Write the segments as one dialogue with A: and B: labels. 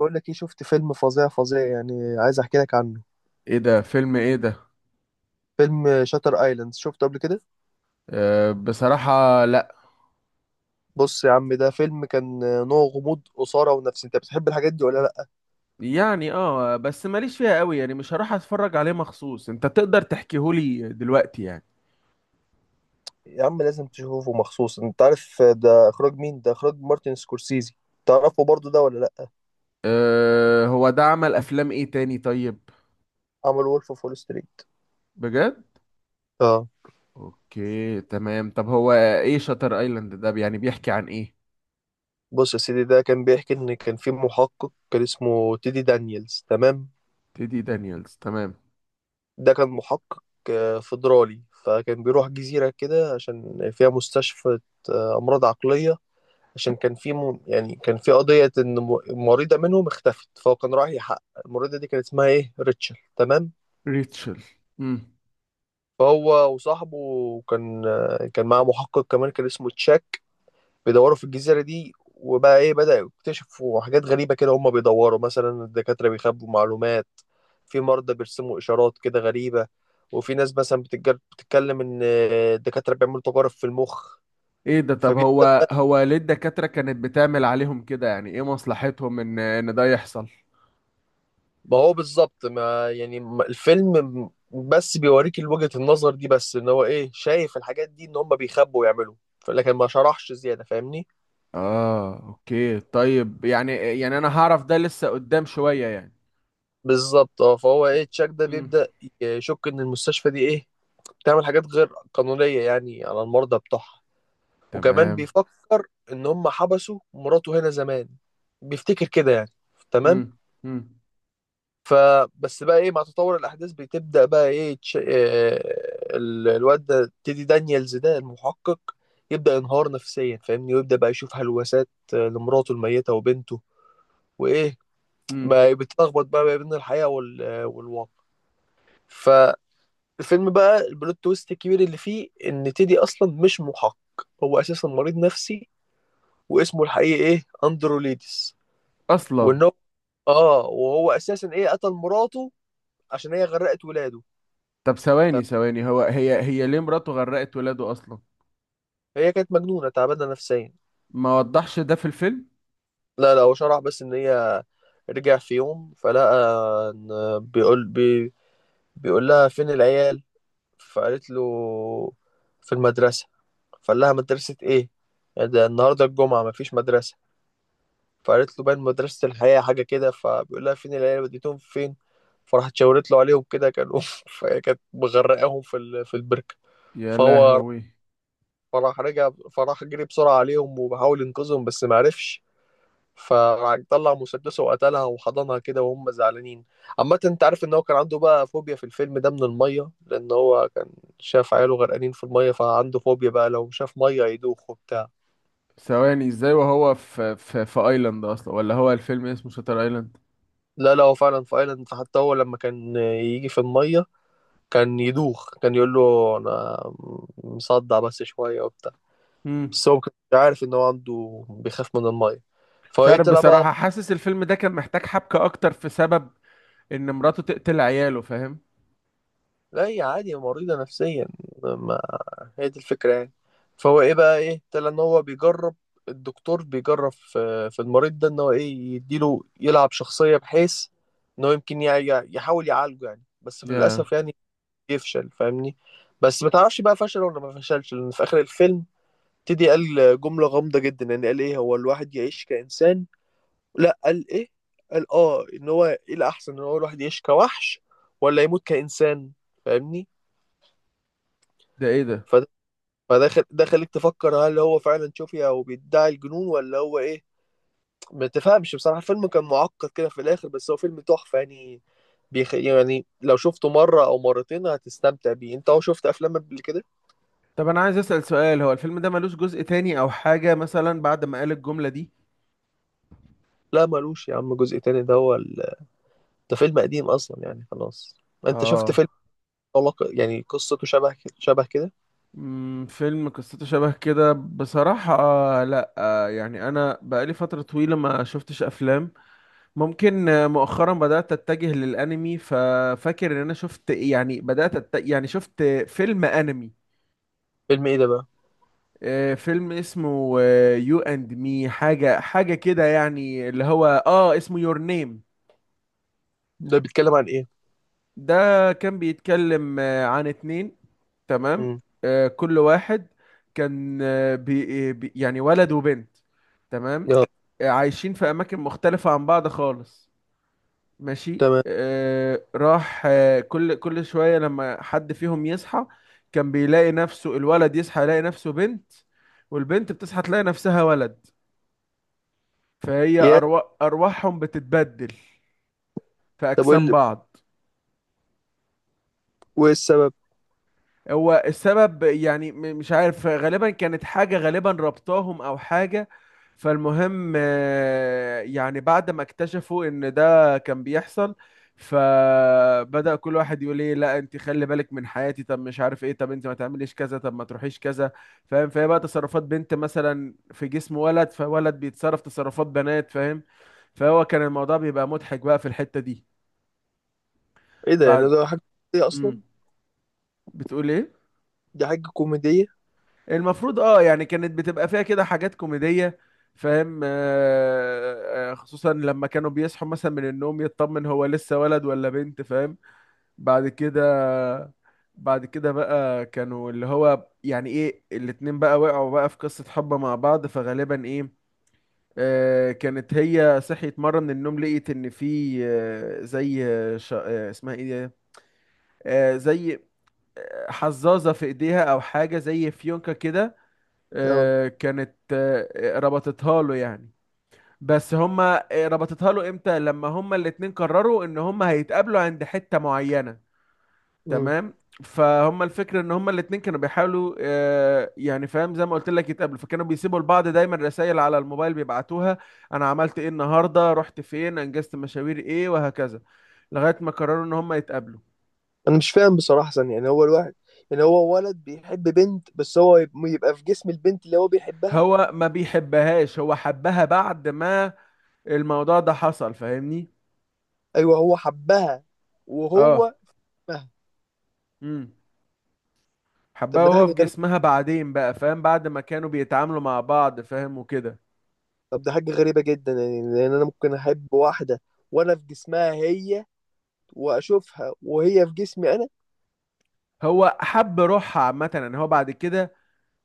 A: بقول لك ايه؟ شفت فيلم فظيع فظيع يعني، عايز احكي لك عنه.
B: ايه ده؟ فيلم ايه ده؟
A: فيلم شاتر ايلاند، شفته قبل كده؟
B: أه، بصراحة لا.
A: بص يا عم، ده فيلم كان نوع غموض اثاره، ونفسي انت بتحب الحاجات دي ولا لا؟
B: يعني بس ماليش فيها قوي يعني، مش هروح اتفرج عليه مخصوص. انت تقدر تحكيهولي دلوقتي يعني.
A: يا عم لازم تشوفه مخصوص. انت عارف ده اخراج مين؟ ده اخراج مارتن سكورسيزي. تعرفه برضو ده ولا لا؟
B: أه، هو ده عمل افلام ايه تاني؟ طيب.
A: عمل وولف اوف وول ستريت.
B: بجد؟
A: اه.
B: اوكي، تمام. طب هو ايه شاتر ايلاند ده؟ يعني بيحكي عن ايه؟
A: بص يا سيدي، ده كان بيحكي ان كان في محقق، كان اسمه تيدي دانييلز، تمام.
B: تيدي دانييلز، تمام.
A: ده كان محقق فدرالي، فكان بيروح جزيرة كده عشان فيها مستشفى أمراض عقلية. عشان كان في يعني كان في قضية إن مريضة منهم اختفت، فهو كان رايح يحقق. المريضة دي كان اسمها إيه؟ ريتشل، تمام.
B: ريتشل. امم.
A: فهو وصاحبه كان كان معاه محقق كمان كان اسمه تشاك. بيدوروا في الجزيرة دي، وبقى إيه، بدأوا يكتشفوا حاجات غريبة كده. هما بيدوروا، مثلا الدكاترة بيخبوا معلومات، في مرضى بيرسموا إشارات كده غريبة، وفي ناس مثلا بتتكلم إن الدكاترة بيعملوا تجارب في المخ.
B: ايه ده؟ طب
A: فبيبدأ.
B: هو ليه الدكاترة كانت بتعمل عليهم كده؟ يعني ايه مصلحتهم ان ده يحصل؟
A: ما هو بالظبط، ما يعني الفيلم بس بيوريك وجهة النظر دي، بس ان هو ايه، شايف الحاجات دي ان هم بيخبوا ويعملوا، لكن ما شرحش زيادة، فاهمني.
B: اه، اوكي، طيب. يعني انا هعرف ده لسه قدام شوية يعني.
A: بالظبط اه. فهو ايه، تشاك ده
B: مم.
A: بيبدأ يشك ان المستشفى دي ايه، بتعمل حاجات غير قانونية يعني، على المرضى بتوعها. وكمان
B: تمام.
A: بيفكر ان هم حبسوا مراته هنا زمان، بيفتكر كده يعني. تمام.
B: مم. مم.
A: فبس بقى ايه، مع تطور الاحداث بتبدا بقى ايه الواد ده تيدي دانييلز ده المحقق يبدا ينهار نفسيا، فاهمني، ويبدا بقى يشوف هلوسات لمراته الميته وبنته وايه.
B: مم.
A: ما بتلخبط بقى ما بين الحقيقه والواقع. فالفيلم بقى البلوت تويست الكبير اللي فيه ان تيدي اصلا مش محقق، هو اساسا مريض نفسي، واسمه الحقيقي ايه، اندرو ليدس.
B: اصلا؟
A: وان هو اه وهو اساسا ايه، قتل مراته عشان هي غرقت ولاده.
B: طب ثواني ثواني، هو هي ليه مراته غرقت ولاده اصلا؟
A: هي كانت مجنونة، تعبانة نفسيا.
B: ما وضحش ده في الفيلم.
A: لا لا، هو شرح بس إن هي رجع في يوم فلقى إن، بيقول بي بيقول لها فين العيال؟ فقالت له في المدرسة. فقال لها مدرسة إيه يعني، ده النهاردة الجمعة مفيش مدرسة. فقالت له باين مدرسة الحياة حاجة كده. فبيقول لها فين العيال؟ وديتهم فين؟ فراحت شاورت له عليهم كده، كانوا فهي كانت مغرقاهم في البركة.
B: يا
A: فهو
B: لهوي.
A: فراح رجع، فراح جري بسرعة عليهم وبحاول ينقذهم بس معرفش. فطلع مسدسه وقتلها وحضنها كده وهم زعلانين. عامة انت عارف ان هو كان عنده بقى فوبيا في الفيلم ده من المية، لان هو كان شاف عياله غرقانين في المية. فعنده فوبيا بقى، لو شاف مية يدوخ وبتاع.
B: ثواني، ازاي وهو في في ايلاند اصلا؟ ولا هو الفيلم اسمه شاتر ايلاند؟
A: لا لا، هو فعلا في ايلاند. فحتى هو لما كان يجي في المية كان يدوخ، كان يقول له انا مصدع بس شوية وبتاع.
B: مم.
A: بس هو ما كانش عارف ان هو عنده بيخاف من المية. فهو
B: مش
A: ايه،
B: عارف
A: طلع بقى.
B: بصراحة، حاسس الفيلم ده كان محتاج حبكة اكتر في سبب ان مراته تقتل عياله، فاهم؟
A: لا هي عادي مريضة نفسيا، هي دي الفكرة يعني. فهو ايه بقى ايه، ابتدى ان هو بيجرب. الدكتور بيجرب في المريض ده ان هو ايه، يديله يلعب شخصية بحيث ان هو يمكن يحاول يعالجه يعني، بس في
B: يا
A: للأسف يعني يفشل، فاهمني. بس ما تعرفش بقى فشل ولا ما فشلش، لأن في آخر الفيلم ابتدي قال جملة غامضة جدا يعني. قال ايه، هو الواحد يعيش كإنسان؟ لا قال ايه، قال اه ان هو ايه، الأحسن ان هو الواحد يعيش كوحش ولا يموت كإنسان. فاهمني.
B: ده، ايه ده.
A: فده فده ده خليك تفكر هل هو فعلا شوفي او بيدعي الجنون، ولا هو ايه. ما تفهمش بصراحه، الفيلم كان معقد كده في الاخر، بس هو فيلم تحفه يعني. يعني لو شفته مره او مرتين هتستمتع بيه. انت هو شفت افلام قبل كده؟
B: طب انا عايز اسأل سؤال، هو الفيلم ده ملوش جزء تاني او حاجة مثلا بعد ما قال الجملة دي؟
A: لا ملوش يا عم جزء تاني. ده هو ده فيلم قديم اصلا يعني، خلاص. انت شفت
B: اه.
A: فيلم يعني قصته شبه كده شبه كده.
B: مم، فيلم قصته شبه كده؟ بصراحة آه لا، آه يعني انا بقالي فترة طويلة ما شفتش افلام. ممكن مؤخرا بدأت اتجه للانمي، ففاكر ان انا شفت، يعني بدأت يعني شفت فيلم انمي.
A: فيلم ايه ده بقى؟
B: فيلم اسمه يو اند مي، حاجة حاجة كده يعني، اللي هو اسمه يور نيم.
A: ده بيتكلم عن ايه؟
B: ده كان بيتكلم عن اتنين، تمام.
A: امم.
B: كل واحد كان يعني ولد وبنت، تمام.
A: يلا.
B: عايشين في أماكن مختلفة عن بعض خالص، ماشي.
A: تمام.
B: راح كل شوية لما حد فيهم يصحى كان بيلاقي نفسه، الولد يصحى يلاقي نفسه بنت، والبنت بتصحى تلاقي نفسها ولد. فهي
A: يا.
B: أرواحهم بتتبدل في
A: طب وايه
B: أجسام بعض.
A: وإيه السبب؟
B: هو السبب يعني مش عارف، غالبا كانت حاجة غالبا ربطاهم أو حاجة. فالمهم يعني بعد ما اكتشفوا إن ده كان بيحصل، فبدأ كل واحد يقول ايه، لا انت خلي بالك من حياتي، طب مش عارف ايه، طب انت ما تعمليش كذا، طب ما تروحيش كذا، فاهم؟ فهي بقى تصرفات بنت مثلا في جسم ولد، فولد بيتصرف تصرفات بنات، فاهم؟ فهو كان الموضوع بيبقى مضحك بقى في الحتة دي
A: ايه ده؟ يعني
B: بعد.
A: ده حاجه كوميدية
B: امم.
A: اصلا؟
B: بتقول ايه؟
A: دي حاجه كوميديه.
B: المفروض اه، يعني كانت بتبقى فيها كده حاجات كوميدية، فاهم؟ خصوصا لما كانوا بيصحوا مثلا من النوم يطمن هو لسه ولد ولا بنت، فاهم؟ بعد كده، بعد كده بقى كانوا اللي هو يعني ايه، الاتنين بقى وقعوا بقى في قصة حب مع بعض، فغالبا ايه، كانت هي صحيت مرة من النوم لقيت ان في، زي اسمها ايه دي؟ زي حزازة في ايديها او حاجة زي فيونكة كده،
A: اه.
B: كانت ربطتها له يعني. بس هما ربطتها له امتى؟ لما هما الاتنين قرروا ان هما هيتقابلوا عند حتة معينة،
A: امم.
B: تمام. فهم الفكرة ان هما الاتنين كانوا بيحاولوا يعني فاهم، زي ما قلت لك يتقابلوا، فكانوا بيسيبوا لبعض دايما رسائل على الموبايل بيبعتوها، انا عملت ايه النهاردة، رحت فين، انجزت مشاوير ايه، وهكذا، لغاية ما قرروا ان هما يتقابلوا.
A: انا مش فاهم بصراحه، ثانية. يعني هو الواحد، يعني هو ولد بيحب بنت بس هو يبقى في جسم البنت اللي هو بيحبها؟
B: هو ما بيحبهاش، هو حبها بعد ما الموضوع ده حصل، فاهمني؟
A: ايوه هو حبها
B: اه.
A: وهو. مه.
B: مم.
A: طب
B: حبها
A: ما ده
B: وهو في
A: حاجه غريبه.
B: جسمها بعدين بقى، فاهم؟ بعد ما كانوا بيتعاملوا مع بعض، فاهم، وكده.
A: طب ده حاجه غريبه جدا يعني، لان انا ممكن احب واحده وانا في جسمها هي، واشوفها وهي في جسمي انا.
B: هو حب روحها عامة يعني. هو بعد كده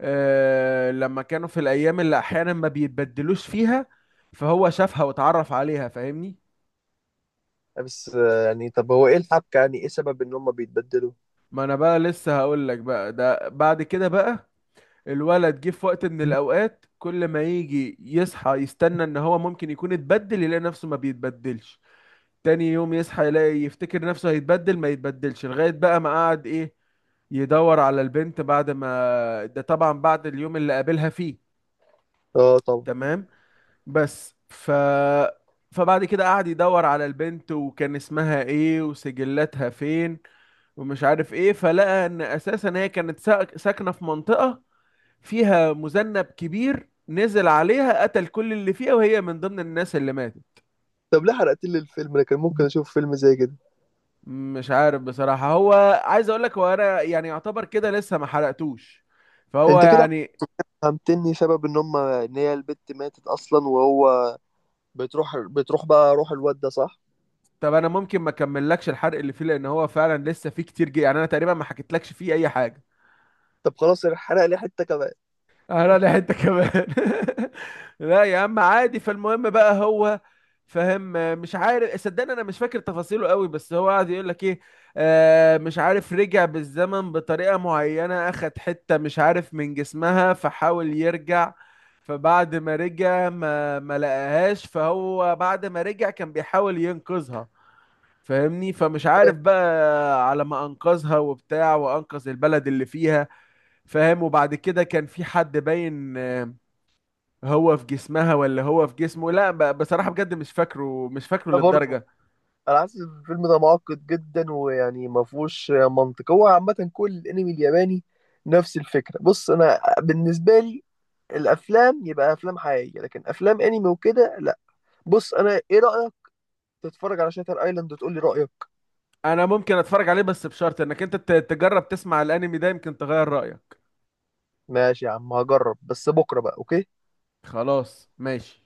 B: آه لما كانوا في الأيام اللي أحيانا ما بيتبدلوش فيها، فهو شافها واتعرف عليها، فاهمني؟
A: بس يعني طب هو ايه الحبكه؟ يعني ايه سبب ان هم بيتبدلوا؟
B: ما أنا بقى لسه هقول لك بقى. ده بعد كده بقى الولد جه في وقت من الأوقات كل ما يجي يصحى يستنى إن هو ممكن يكون اتبدل، يلاقي نفسه ما بيتبدلش، تاني يوم يصحى يلاقي، يفتكر نفسه هيتبدل، ما يتبدلش، لغاية بقى ما قعد ايه، يدور على البنت بعد ما، ده طبعا بعد اليوم اللي قابلها فيه،
A: اه طبعا.
B: تمام. بس ف فبعد كده قعد يدور على البنت، وكان اسمها ايه، وسجلاتها فين، ومش عارف ايه، فلقى ان اساسا هي كانت ساكنة في منطقة فيها مذنب كبير نزل عليها قتل كل اللي فيها، وهي من ضمن الناس اللي ماتت.
A: طب ليه حرقت لي الفيلم؟ انا كان ممكن اشوف فيلم زي كده.
B: مش عارف بصراحة هو، عايز اقول لك، هو انا يعني يعتبر كده لسه ما حرقتوش، فهو
A: انت كده
B: يعني.
A: فهمتني سبب ان هي البت ماتت اصلا، وهو بتروح بقى روح الواد ده، صح؟
B: طب انا ممكن ما اكملكش الحرق اللي فيه، لان هو فعلا لسه فيه كتير جي، يعني انا تقريبا ما حكيتلكش فيه اي حاجة.
A: طب خلاص يعني، حرق لي حته كمان.
B: انا لي حته كمان. لا يا عم عادي. فالمهم بقى هو فاهم، مش عارف، صدقني انا مش فاكر تفاصيله قوي، بس هو قعد يقول لك ايه، آه مش عارف، رجع بالزمن بطريقه معينه، اخد حته مش عارف من جسمها فحاول يرجع. فبعد ما رجع ما لقاهاش، فهو بعد ما رجع كان بيحاول ينقذها، فاهمني؟ فمش عارف بقى على ما انقذها وبتاع، وانقذ البلد اللي فيها، فاهم؟ وبعد كده كان في حد باين هو في جسمها ولا هو في جسمه، لا بصراحة بجد مش فاكره، مش فاكره
A: أنا برضه
B: للدرجة.
A: انا حاسس إن الفيلم ده معقد جدا، ويعني ما فيهوش منطق. هو عامه كل الانمي الياباني نفس الفكره. بص انا بالنسبه لي، الافلام يبقى افلام حقيقيه، لكن افلام انمي وكده لا. بص انا ايه رايك تتفرج على شاتر ايلاند وتقول لي رايك؟
B: انا ممكن اتفرج عليه، بس بشرط انك انت تجرب تسمع الانمي ده، يمكن تغير رأيك.
A: ماشي يا عم هجرب، بس بكره بقى، اوكي.
B: خلاص، ماشي.